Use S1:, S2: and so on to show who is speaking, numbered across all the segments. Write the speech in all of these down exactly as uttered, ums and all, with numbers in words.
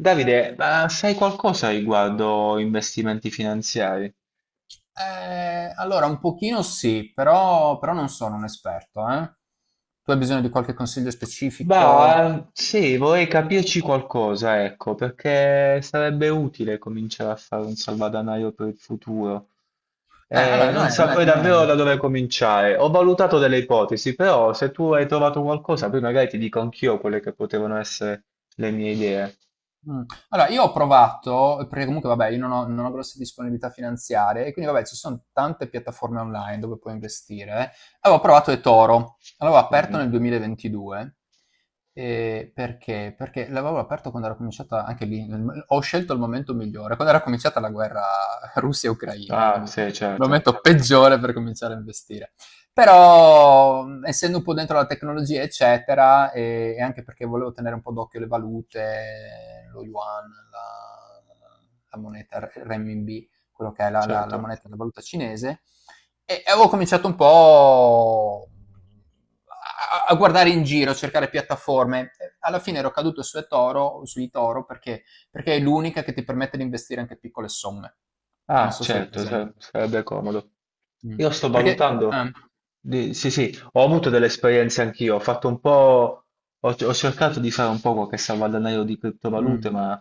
S1: Davide, ma sai qualcosa riguardo investimenti finanziari?
S2: Eh, allora, un pochino sì, però, però non sono un esperto, eh. Tu hai bisogno di qualche consiglio specifico?
S1: Beh, sì, vorrei capirci qualcosa, ecco, perché sarebbe utile cominciare a fare un salvadanaio per il futuro.
S2: Eh,
S1: Eh,
S2: allora, non
S1: non
S2: è, non è-
S1: saprei
S2: non
S1: davvero da
S2: è-
S1: dove cominciare. Ho valutato delle ipotesi, però se tu hai trovato qualcosa, poi magari ti dico anch'io quelle che potevano essere le mie idee.
S2: Mh. Allora, io ho provato perché comunque vabbè, io non ho non ho grosse disponibilità finanziarie e quindi vabbè, ci son tante piattaforme online dove puoi investire. eh. Avevo provato eToro, l'avevo aperto
S1: Mhm.
S2: nel duemilaventidue, ehm, perché? Perché l'avevo aperto quando era cominciata anche lì, nel m ho scelto il momento migliore, quando era cominciata la guerra Russia-Ucraina,
S1: Ah,
S2: quindi il
S1: sì, certo,
S2: momento peggiore per cominciare a investire. Però essendo un po' dentro la tecnologia eccetera e, e anche perché volevo tenere un po' d'occhio le valute, lo yuan, la, la moneta renminbi, quello che è la, la, la
S1: certo.
S2: moneta, la valuta cinese, e, e avevo cominciato un po' a, a guardare in giro, a cercare piattaforme. Alla fine ero caduto su eToro, su eToro perché, perché è l'unica che ti permette di investire anche piccole somme. Non
S1: Ah,
S2: so se è
S1: certo,
S2: presente.
S1: sa- sarebbe comodo. Io
S2: Mm.
S1: sto
S2: Perché,
S1: valutando,
S2: ah,
S1: di- sì, sì, ho avuto delle esperienze anch'io, ho fatto un po', ho, ho cercato di fare un po' qualche salvadanaio di criptovalute,
S2: mm.
S1: ma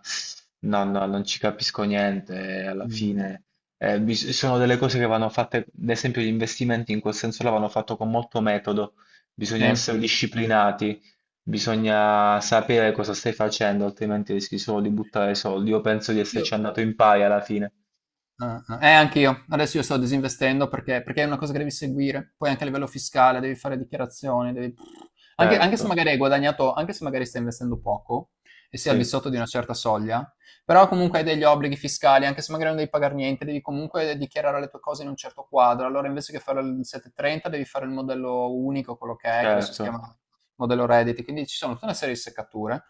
S1: no, no, non ci capisco niente, eh, alla
S2: Mh.
S1: fine eh, bis- sono delle cose che vanno fatte, ad esempio gli investimenti in quel senso là vanno fatto con molto metodo,
S2: Sì.
S1: bisogna essere disciplinati, bisogna sapere cosa stai facendo, altrimenti rischi solo di buttare soldi. Io penso di
S2: Io.
S1: esserci andato in pari alla fine.
S2: Ah, ah. Eh, anch'io. Adesso io sto disinvestendo perché perché è una cosa che devi seguire. Poi anche a livello fiscale devi fare dichiarazioni, devi anche anche se
S1: Certo,
S2: magari hai guadagnato, anche se magari stai investendo poco e sei al di
S1: sì,
S2: sotto di una certa soglia, però comunque hai degli obblighi fiscali, anche se magari non devi pagar niente, devi comunque dichiarare le tue cose in un certo quadro. Allora invece che fare il settecentotrenta devi fare il modello unico, quello che è, che adesso si
S1: certo,
S2: chiama modello Reddit, quindi ci sono tutta una serie di seccature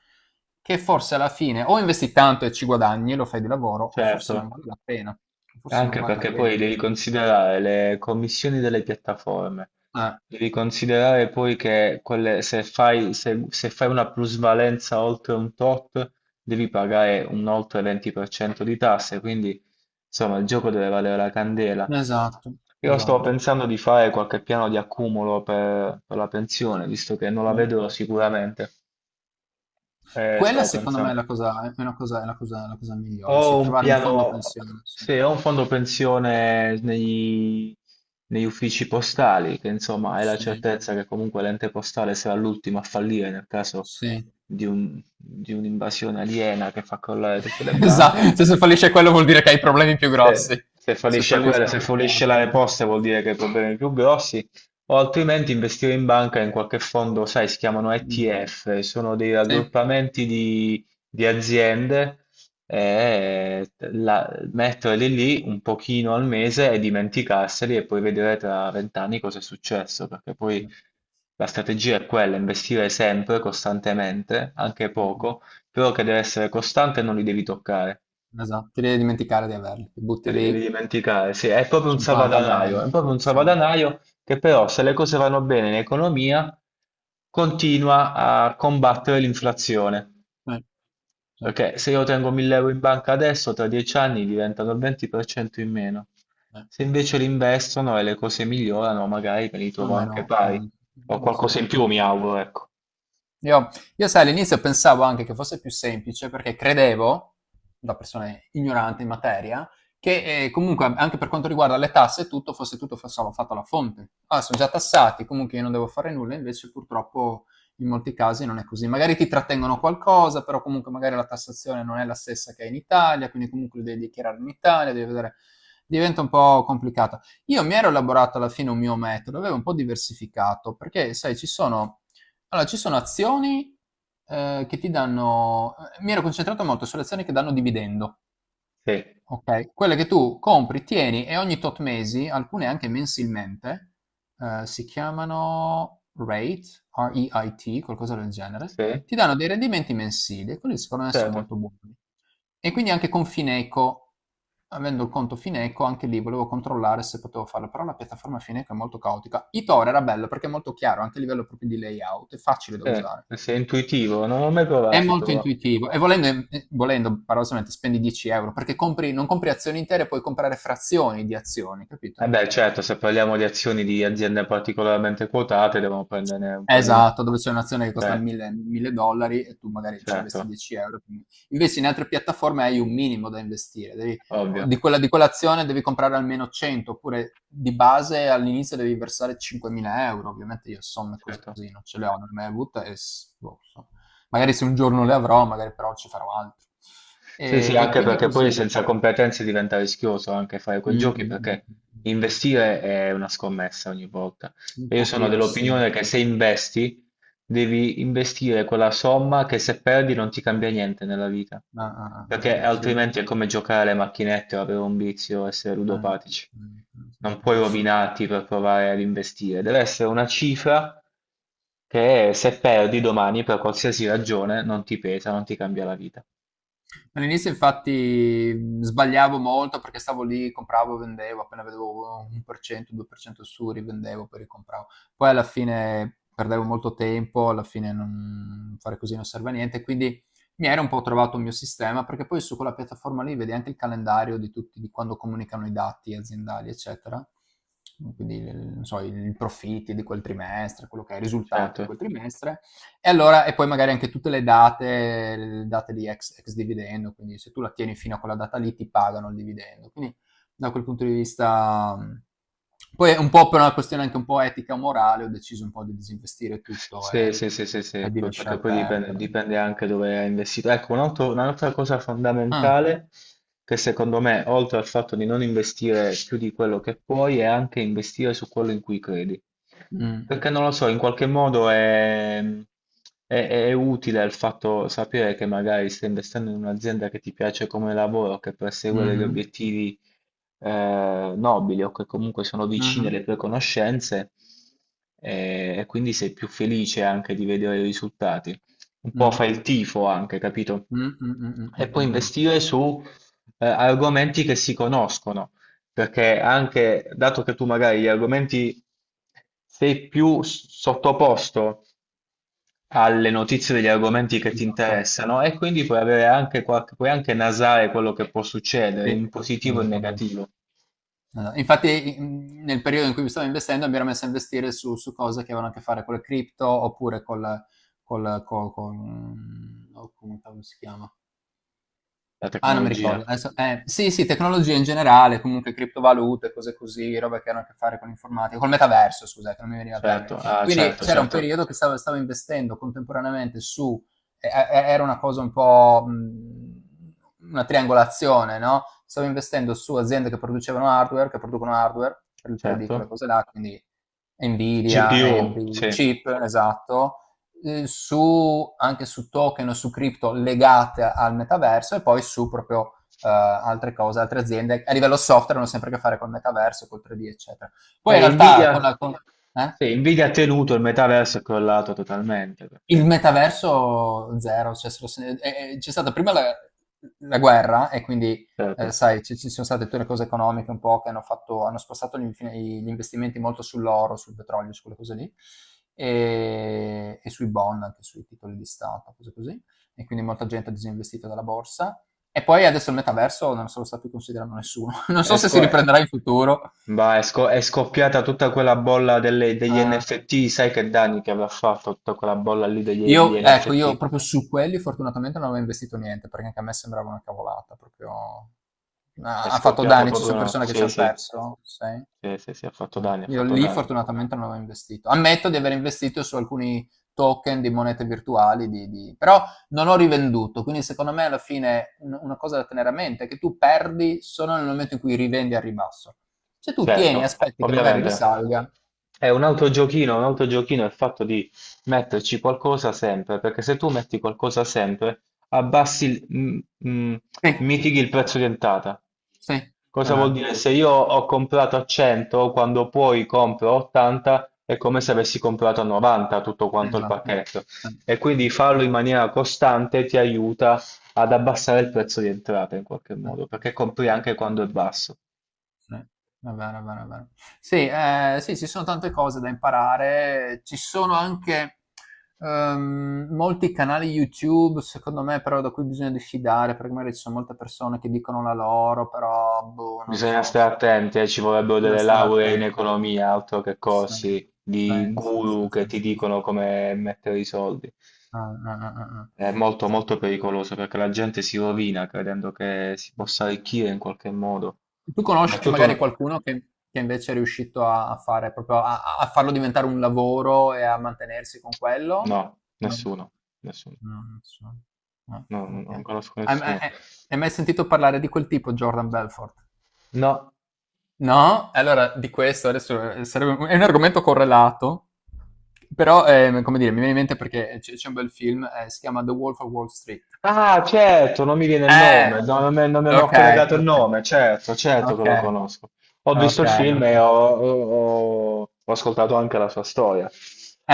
S2: che forse alla fine o investi tanto e ci guadagni, lo fai di lavoro, o forse non
S1: certo,
S2: vale la pena. Forse non
S1: anche
S2: vale la
S1: perché
S2: pena.
S1: poi devi considerare le commissioni delle piattaforme,
S2: Eh,
S1: devi considerare poi che quelle- se fai, se- se fai una plusvalenza oltre un tot, devi pagare un oltre venti per cento di tasse, quindi insomma il gioco deve valere la candela.
S2: esatto,
S1: Io stavo
S2: esatto.
S1: pensando di fare qualche piano di accumulo per, per la pensione, visto che non la
S2: Eh.
S1: vedo sicuramente. Eh,
S2: Quella
S1: stavo
S2: secondo me è
S1: pensando.
S2: la cosa, è una cosa, è la cosa, la cosa migliore, sì,
S1: Ho un
S2: trovare un fondo
S1: piano,
S2: pensione, sì.
S1: sì, ho un fondo pensione nei- negli uffici postali, che insomma hai la
S2: Sì,
S1: certezza che comunque l'ente postale sarà l'ultimo a fallire nel caso
S2: sì.
S1: di un- di un'invasione aliena che fa crollare tutte le
S2: Esatto,
S1: banche.
S2: cioè, se fallisce quello vuol dire che hai problemi più grossi.
S1: Se, se
S2: Se
S1: fallisce quella,
S2: falliscono
S1: se
S2: le
S1: fallisce la
S2: parti.
S1: Poste vuol dire che hai problemi più grossi, o altrimenti investire in banca in qualche fondo, sai, si chiamano
S2: Mm.
S1: E T F, sono dei
S2: Sì. Eh,
S1: raggruppamenti di, di aziende e la- metterli lì un pochino al mese e dimenticarseli e poi vedere tra vent'anni cosa è successo, perché poi la strategia è quella, investire sempre, costantemente, anche
S2: no, no.
S1: poco, però che deve essere costante e non li devi toccare.
S2: Esatto, ti devi dimenticare di averli, ti
S1: Te
S2: butti
S1: li devi
S2: lì
S1: dimenticare, sì, è proprio un
S2: cinquanta al
S1: salvadanaio,
S2: mese,
S1: è proprio un
S2: sì,
S1: salvadanaio che però se le cose vanno bene in economia continua a combattere l'inflazione,
S2: sì, sì,
S1: perché se io tengo 1000 euro in banca adesso, tra dieci anni diventano il venti per cento in meno.
S2: sì,
S1: Se invece li investono e le cose migliorano, magari me li trovo anche
S2: almeno,
S1: pari,
S2: mhmm,
S1: o
S2: sì.
S1: qualcosa in più
S2: Sì,
S1: mi
S2: sì.
S1: auguro, ecco.
S2: Io, io sai, all'inizio pensavo anche che fosse più semplice perché credevo, da persona ignorante in materia, che eh, comunque anche per quanto riguarda le tasse e tutto fosse tutto fa- solo fatto alla fonte. Ah, sono già tassati, comunque io non devo fare nulla, invece purtroppo in molti casi non è così. Magari ti trattengono qualcosa, però comunque magari la tassazione non è la stessa che è in Italia, quindi comunque lo devi dichiarare in Italia, devi vedere. Diventa un po' complicato. Io mi ero elaborato alla fine un mio metodo, avevo un po' diversificato, perché sai, ci sono allora, ci sono azioni, ehm, che ti danno eh, mi ero concentrato molto sulle azioni che danno dividendo.
S1: Sì,
S2: Ok, quelle che tu compri, tieni e ogni tot mesi, alcune anche mensilmente, eh, si chiamano rate, R E I T, qualcosa del genere,
S1: sì,
S2: ti danno dei rendimenti mensili e quelli secondo me sono
S1: certo,
S2: molto buoni. E quindi anche con Fineco, avendo il conto Fineco, anche lì volevo controllare se potevo farlo, però la piattaforma Fineco è molto caotica. Etoro era bello perché è molto chiaro, anche a livello proprio di layout, è facile da usare.
S1: sì, sei intuitivo, non ho mai
S2: È
S1: provato, si
S2: molto
S1: trova.
S2: intuitivo e volendo, eh, eh, volendo paradossalmente, spendi dieci euro perché compri, non compri azioni intere, puoi comprare frazioni di azioni,
S1: Eh
S2: capito?
S1: beh, certo, se parliamo di azioni di aziende particolarmente quotate, devono prendere un po' di meno.
S2: Esatto, dove c'è un'azione che costa
S1: Cioè,
S2: mille, mille dollari e tu magari ci investi
S1: certo,
S2: dieci euro. quindi- Invece in altre piattaforme hai un minimo da investire, devi-
S1: ovvio,
S2: di quella, di quell'azione devi comprare almeno cento, oppure di base all'inizio devi versare cinquemila euro. Ovviamente io somme così
S1: certo.
S2: non ce le ho, non le ho mai avute e s- boh, so. Magari se un giorno le avrò, magari però ci farò altro.
S1: Sì,
S2: E,
S1: sì,
S2: e
S1: anche
S2: quindi
S1: perché
S2: così.
S1: poi senza competenze diventa rischioso anche fare
S2: Mh,
S1: quei giochi
S2: mh, mh,
S1: perché
S2: mh, mh.
S1: investire è una scommessa ogni volta.
S2: Un
S1: E io sono
S2: pochino sì.
S1: dell'opinione che se investi, devi investire quella somma che se perdi non ti cambia niente nella vita,
S2: Ah, ah, ah, ah,
S1: perché
S2: ah, sì. Eh.
S1: altrimenti è come giocare alle macchinette o avere un vizio, essere
S2: Mh,
S1: ludopatici.
S2: mh, mh,
S1: Non
S2: mh.
S1: puoi rovinarti per provare ad investire, deve essere una cifra che se perdi domani per qualsiasi ragione non ti pesa, non ti cambia la vita.
S2: All'inizio infatti mh, sbagliavo molto perché stavo lì, compravo, vendevo, appena vedevo un per cento, due per cento su, rivendevo, poi ricompravo. Poi alla fine perdevo molto tempo, alla fine non, fare così non serve a niente, quindi mi era un po' trovato il mio sistema perché poi su quella piattaforma lì vedi anche il calendario di tutti, di quando comunicano i dati aziendali, eccetera. Quindi, non so, i i profitti di quel trimestre, quello che è, i risultati di
S1: Certo.
S2: quel trimestre e allora, e poi magari anche tutte le date, le date, di ex, ex dividendo, quindi se tu la tieni fino a quella data lì ti pagano il dividendo. Quindi da quel punto di vista. Poi un po' per una questione anche un po' etica morale ho deciso un po' di disinvestire tutto
S1: Sì,
S2: e,
S1: sì, sì, sì, sì,
S2: e di
S1: poi- perché
S2: lasciar
S1: poi dipende,
S2: perdere.
S1: dipende anche dove è investito. Ecco, un altro- un'altra cosa
S2: Ah,
S1: fondamentale che secondo me, oltre al fatto di non investire più di quello che puoi, è anche investire su quello in cui credi.
S2: mh,
S1: Perché non lo so, in qualche modo è, è- è utile il fatto sapere che magari stai investendo in un'azienda che ti piace come lavoro, che persegue degli
S2: mh-mh,
S1: obiettivi eh, nobili o che comunque sono vicine
S2: mh-mh,
S1: alle tue conoscenze eh, e quindi sei più felice anche di vedere i risultati. Un
S2: mh,
S1: po'
S2: mh,
S1: fai il tifo anche, capito?
S2: mh, mh, mh,
S1: E
S2: mh,
S1: poi
S2: mh, mh.
S1: investire su eh, argomenti che si conoscono, perché anche dato che tu magari gli argomenti sei più s- sottoposto alle notizie degli argomenti che ti
S2: Esatto,
S1: interessano e quindi puoi avere anche qualche, puoi anche nasare quello che può succedere
S2: sì,
S1: in positivo e in
S2: esattamente.
S1: negativo.
S2: Eh, infatti, mhmm, nel periodo in cui stavo investendo, mi ero messo a investire su su cose che avevano a che fare con le cripto, oppure col col co con, mhmm, oh, come cavolo si chiama?
S1: La
S2: Ah, non mi
S1: tecnologia,
S2: ricordo. Adesso- eh, sì, sì, tecnologia in generale, comunque criptovalute, cose così, roba che hanno a che fare con l'informatica, col metaverso, scusate, non mi veniva il termine.
S1: certo, ah
S2: Quindi
S1: certo,
S2: c'era un
S1: certo,
S2: periodo che stavo, stavo investendo contemporaneamente su, eh, eh, era una cosa un po' mh, una triangolazione, no? Stavo investendo su aziende che producevano hardware, che producono hardware per il tre D, quelle
S1: certo.
S2: cose là, quindi Nvidia,
S1: G P U,
S2: A M D,
S1: sì.
S2: chip, esatto eh, su, anche su token o su cripto legate al metaverso e poi su proprio eh, altre cose, altre aziende. A livello software hanno sempre a che fare col metaverso, col tre D, eccetera. Poi in
S1: Eh,
S2: realtà con
S1: Nvidia,
S2: la, con, eh?
S1: sì, Nvidia ha tenuto il metaverso, è crollato totalmente,
S2: Il
S1: perché,
S2: metaverso zero, cioè, se lo se- eh, eh, c'è stata prima la, la guerra e quindi, eh,
S1: certo,
S2: sai, ci, ci sono state tutte le cose economiche un po' che hanno fatto, hanno spostato gli, infin- gli investimenti molto sull'oro, sul petrolio, su quelle cose lì, e, e sui bond, anche sui titoli di Stato, cose così, e quindi molta gente ha disinvestito dalla borsa. E poi adesso il metaverso non so se lo sta più considerando nessuno. Non
S1: è,
S2: so se si
S1: sco- è-
S2: riprenderà in futuro.
S1: va, è sco- è scoppiata tutta quella bolla delle- degli
S2: eh.
S1: N F T, sai che danni che aveva fatto tutta quella bolla lì degli, degli
S2: Io ecco, io
S1: N F T?
S2: proprio su quelli fortunatamente non avevo investito niente, perché anche a me sembrava una cavolata, proprio
S1: È
S2: ha ha fatto
S1: scoppiata
S2: danni, ci
S1: proprio
S2: son
S1: una...
S2: persone che ci
S1: Sì,
S2: han
S1: sì,
S2: perso, sai?
S1: sì, sì, sì, ha fatto
S2: Mh.
S1: danni, ha
S2: Io
S1: fatto
S2: lì
S1: danni.
S2: fortunatamente non avevo investito. Ammetto di aver investito su alcuni token di monete virtuali di di però non ho rivenduto, quindi secondo me alla fine un una cosa da tenere a mente è che tu perdi solo nel momento in cui rivendi al ribasso. Se tu tieni e
S1: Certo,
S2: aspetti che magari
S1: ovviamente.
S2: risalga
S1: È un altro giochino, un altro giochino è il fatto di metterci qualcosa sempre, perché se tu metti qualcosa sempre, abbassi, il- m- m-
S2: sì,
S1: mitighi il prezzo di entrata.
S2: sì, è
S1: Cosa vuol
S2: vero.
S1: dire? Se io ho comprato a cento, quando poi compro a ottanta, è come se avessi comprato a novanta tutto quanto il
S2: Esatto.
S1: pacchetto.
S2: Sì,
S1: E quindi
S2: sì.
S1: farlo in maniera costante ti aiuta ad abbassare il prezzo di entrata in qualche
S2: Mh.
S1: modo, perché compri anche quando è basso.
S2: Sì. Va bene, va bene, va bene. Sì, ehm, sì, ci sono tante cose da imparare. Ci sono anche, uhm, molti canali YouTube, secondo me, però da cui bisogna diffidare, perché magari ci sono molte persone che dicono la loro, però boh, non
S1: Bisogna
S2: so, st
S1: stare attenti, eh, ci vorrebbero
S2: bisogna
S1: delle
S2: stare
S1: lauree in
S2: attenti.
S1: economia, altro che
S2: Sì,
S1: corsi
S2: sì,
S1: di
S2: sì,
S1: guru che
S2: sì, sì,
S1: ti
S2: sì, sì.
S1: dicono come mettere i soldi.
S2: Ah, ah, ah, ah, ah.
S1: È molto
S2: Sì,
S1: molto
S2: sì,
S1: pericoloso perché la gente si rovina credendo che si
S2: sì.
S1: possa arricchire in qualche modo.
S2: Tu
S1: Ma è
S2: conosci
S1: tutto
S2: magari
S1: una...
S2: qualcuno che, che invece è riuscito a, a fare proprio a, a farlo diventare un lavoro e a mantenersi con quello?
S1: No,
S2: No.
S1: nessuno, nessuno.
S2: No, non so. Ah,
S1: No, no, non
S2: ok.
S1: conosco
S2: Hai ma-
S1: nessuno.
S2: hai- hai mai sentito parlare di quel tipo, Jordan Belfort?
S1: No,
S2: No? Allora, di questo adesso eh, sarebbe un- è un argomento correlato, però, eh, come dire, mi viene in mente perché c'è c'è un bel film, eh, si chiama The Wolf of Wall Street.
S1: ah, certo, non mi viene il
S2: Eh,
S1: nome, no, non, me, non me ne ho
S2: ok,
S1: collegato il
S2: ok,
S1: nome, certo, certo che
S2: ok,
S1: lo conosco. Ho visto
S2: ok,
S1: il film e
S2: ok.
S1: ho, ho- ho- ho ascoltato anche la sua storia.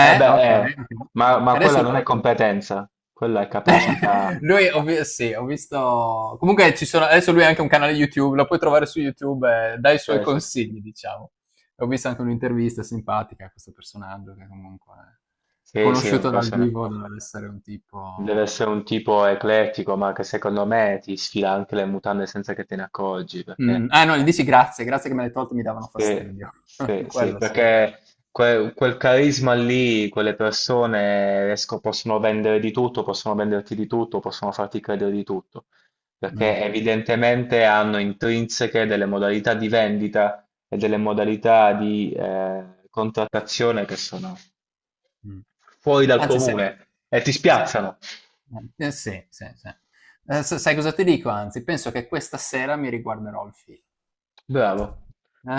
S1: Eh
S2: okay,
S1: beh, eh,
S2: okay.
S1: ma, ma
S2: Adesso
S1: quella non è competenza, quella è capacità.
S2: lui ho vi sì, ho visto comunque ci sono adesso lui ha anche un canale YouTube, lo puoi trovare su YouTube e dà i suoi
S1: Sì, sì, sì,
S2: consigli, diciamo. Ho visto anche un'intervista simpatica a questo personaggio che comunque è
S1: sì, sì, un
S2: conosciuto dal
S1: persona-
S2: vivo doveva essere un
S1: deve
S2: tipo.
S1: essere un tipo eclettico, ma che secondo me ti sfila anche le mutande senza che te ne accorgi,
S2: Mh,
S1: perché
S2: ah, no, gli dici: "Grazie, grazie che me l'hai tolto, mi davano
S1: sì,
S2: fastidio."
S1: sì, sì,
S2: Quello
S1: perché
S2: succede.
S1: que- quel carisma lì, quelle persone riesco- possono vendere di tutto, possono venderti di tutto, possono farti credere di tutto,
S2: Mh.
S1: perché evidentemente hanno intrinseche delle modalità di vendita e delle modalità di eh, contrattazione che sono
S2: Mh.
S1: fuori dal
S2: Anzi sai
S1: comune e ti
S2: sì, sì, sì.
S1: spiazzano.
S2: Eh, eh, sì, sì, sì. Ehm, s Sai cosa ti dico anzi? Penso che questa sera mi riguarderò il film,
S1: Bravo,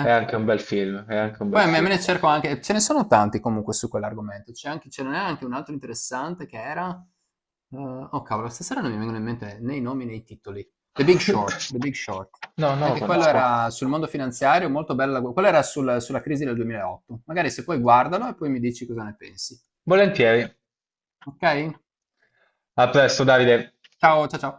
S1: è anche un bel film, è
S2: Mh.
S1: anche un
S2: Poi
S1: bel
S2: a me me
S1: film.
S2: ne cerco, anche ce ne sono tanti comunque su quell'argomento. C'è anche ce n'è anche un altro interessante che era ehm, oh cavolo, stasera non mi vengono in mente né i nomi né i titoli. The Big Short, The Big Short.
S1: No, non lo
S2: Anche quello
S1: conosco.
S2: era sul mondo finanziario, molto bella gu quello era sul sulla crisi del duemilaotto. Magari se puoi guardalo e poi mi dici cosa ne pensi.
S1: Volentieri.
S2: Okay?
S1: A presto, Davide!
S2: Ciao, cia ciao.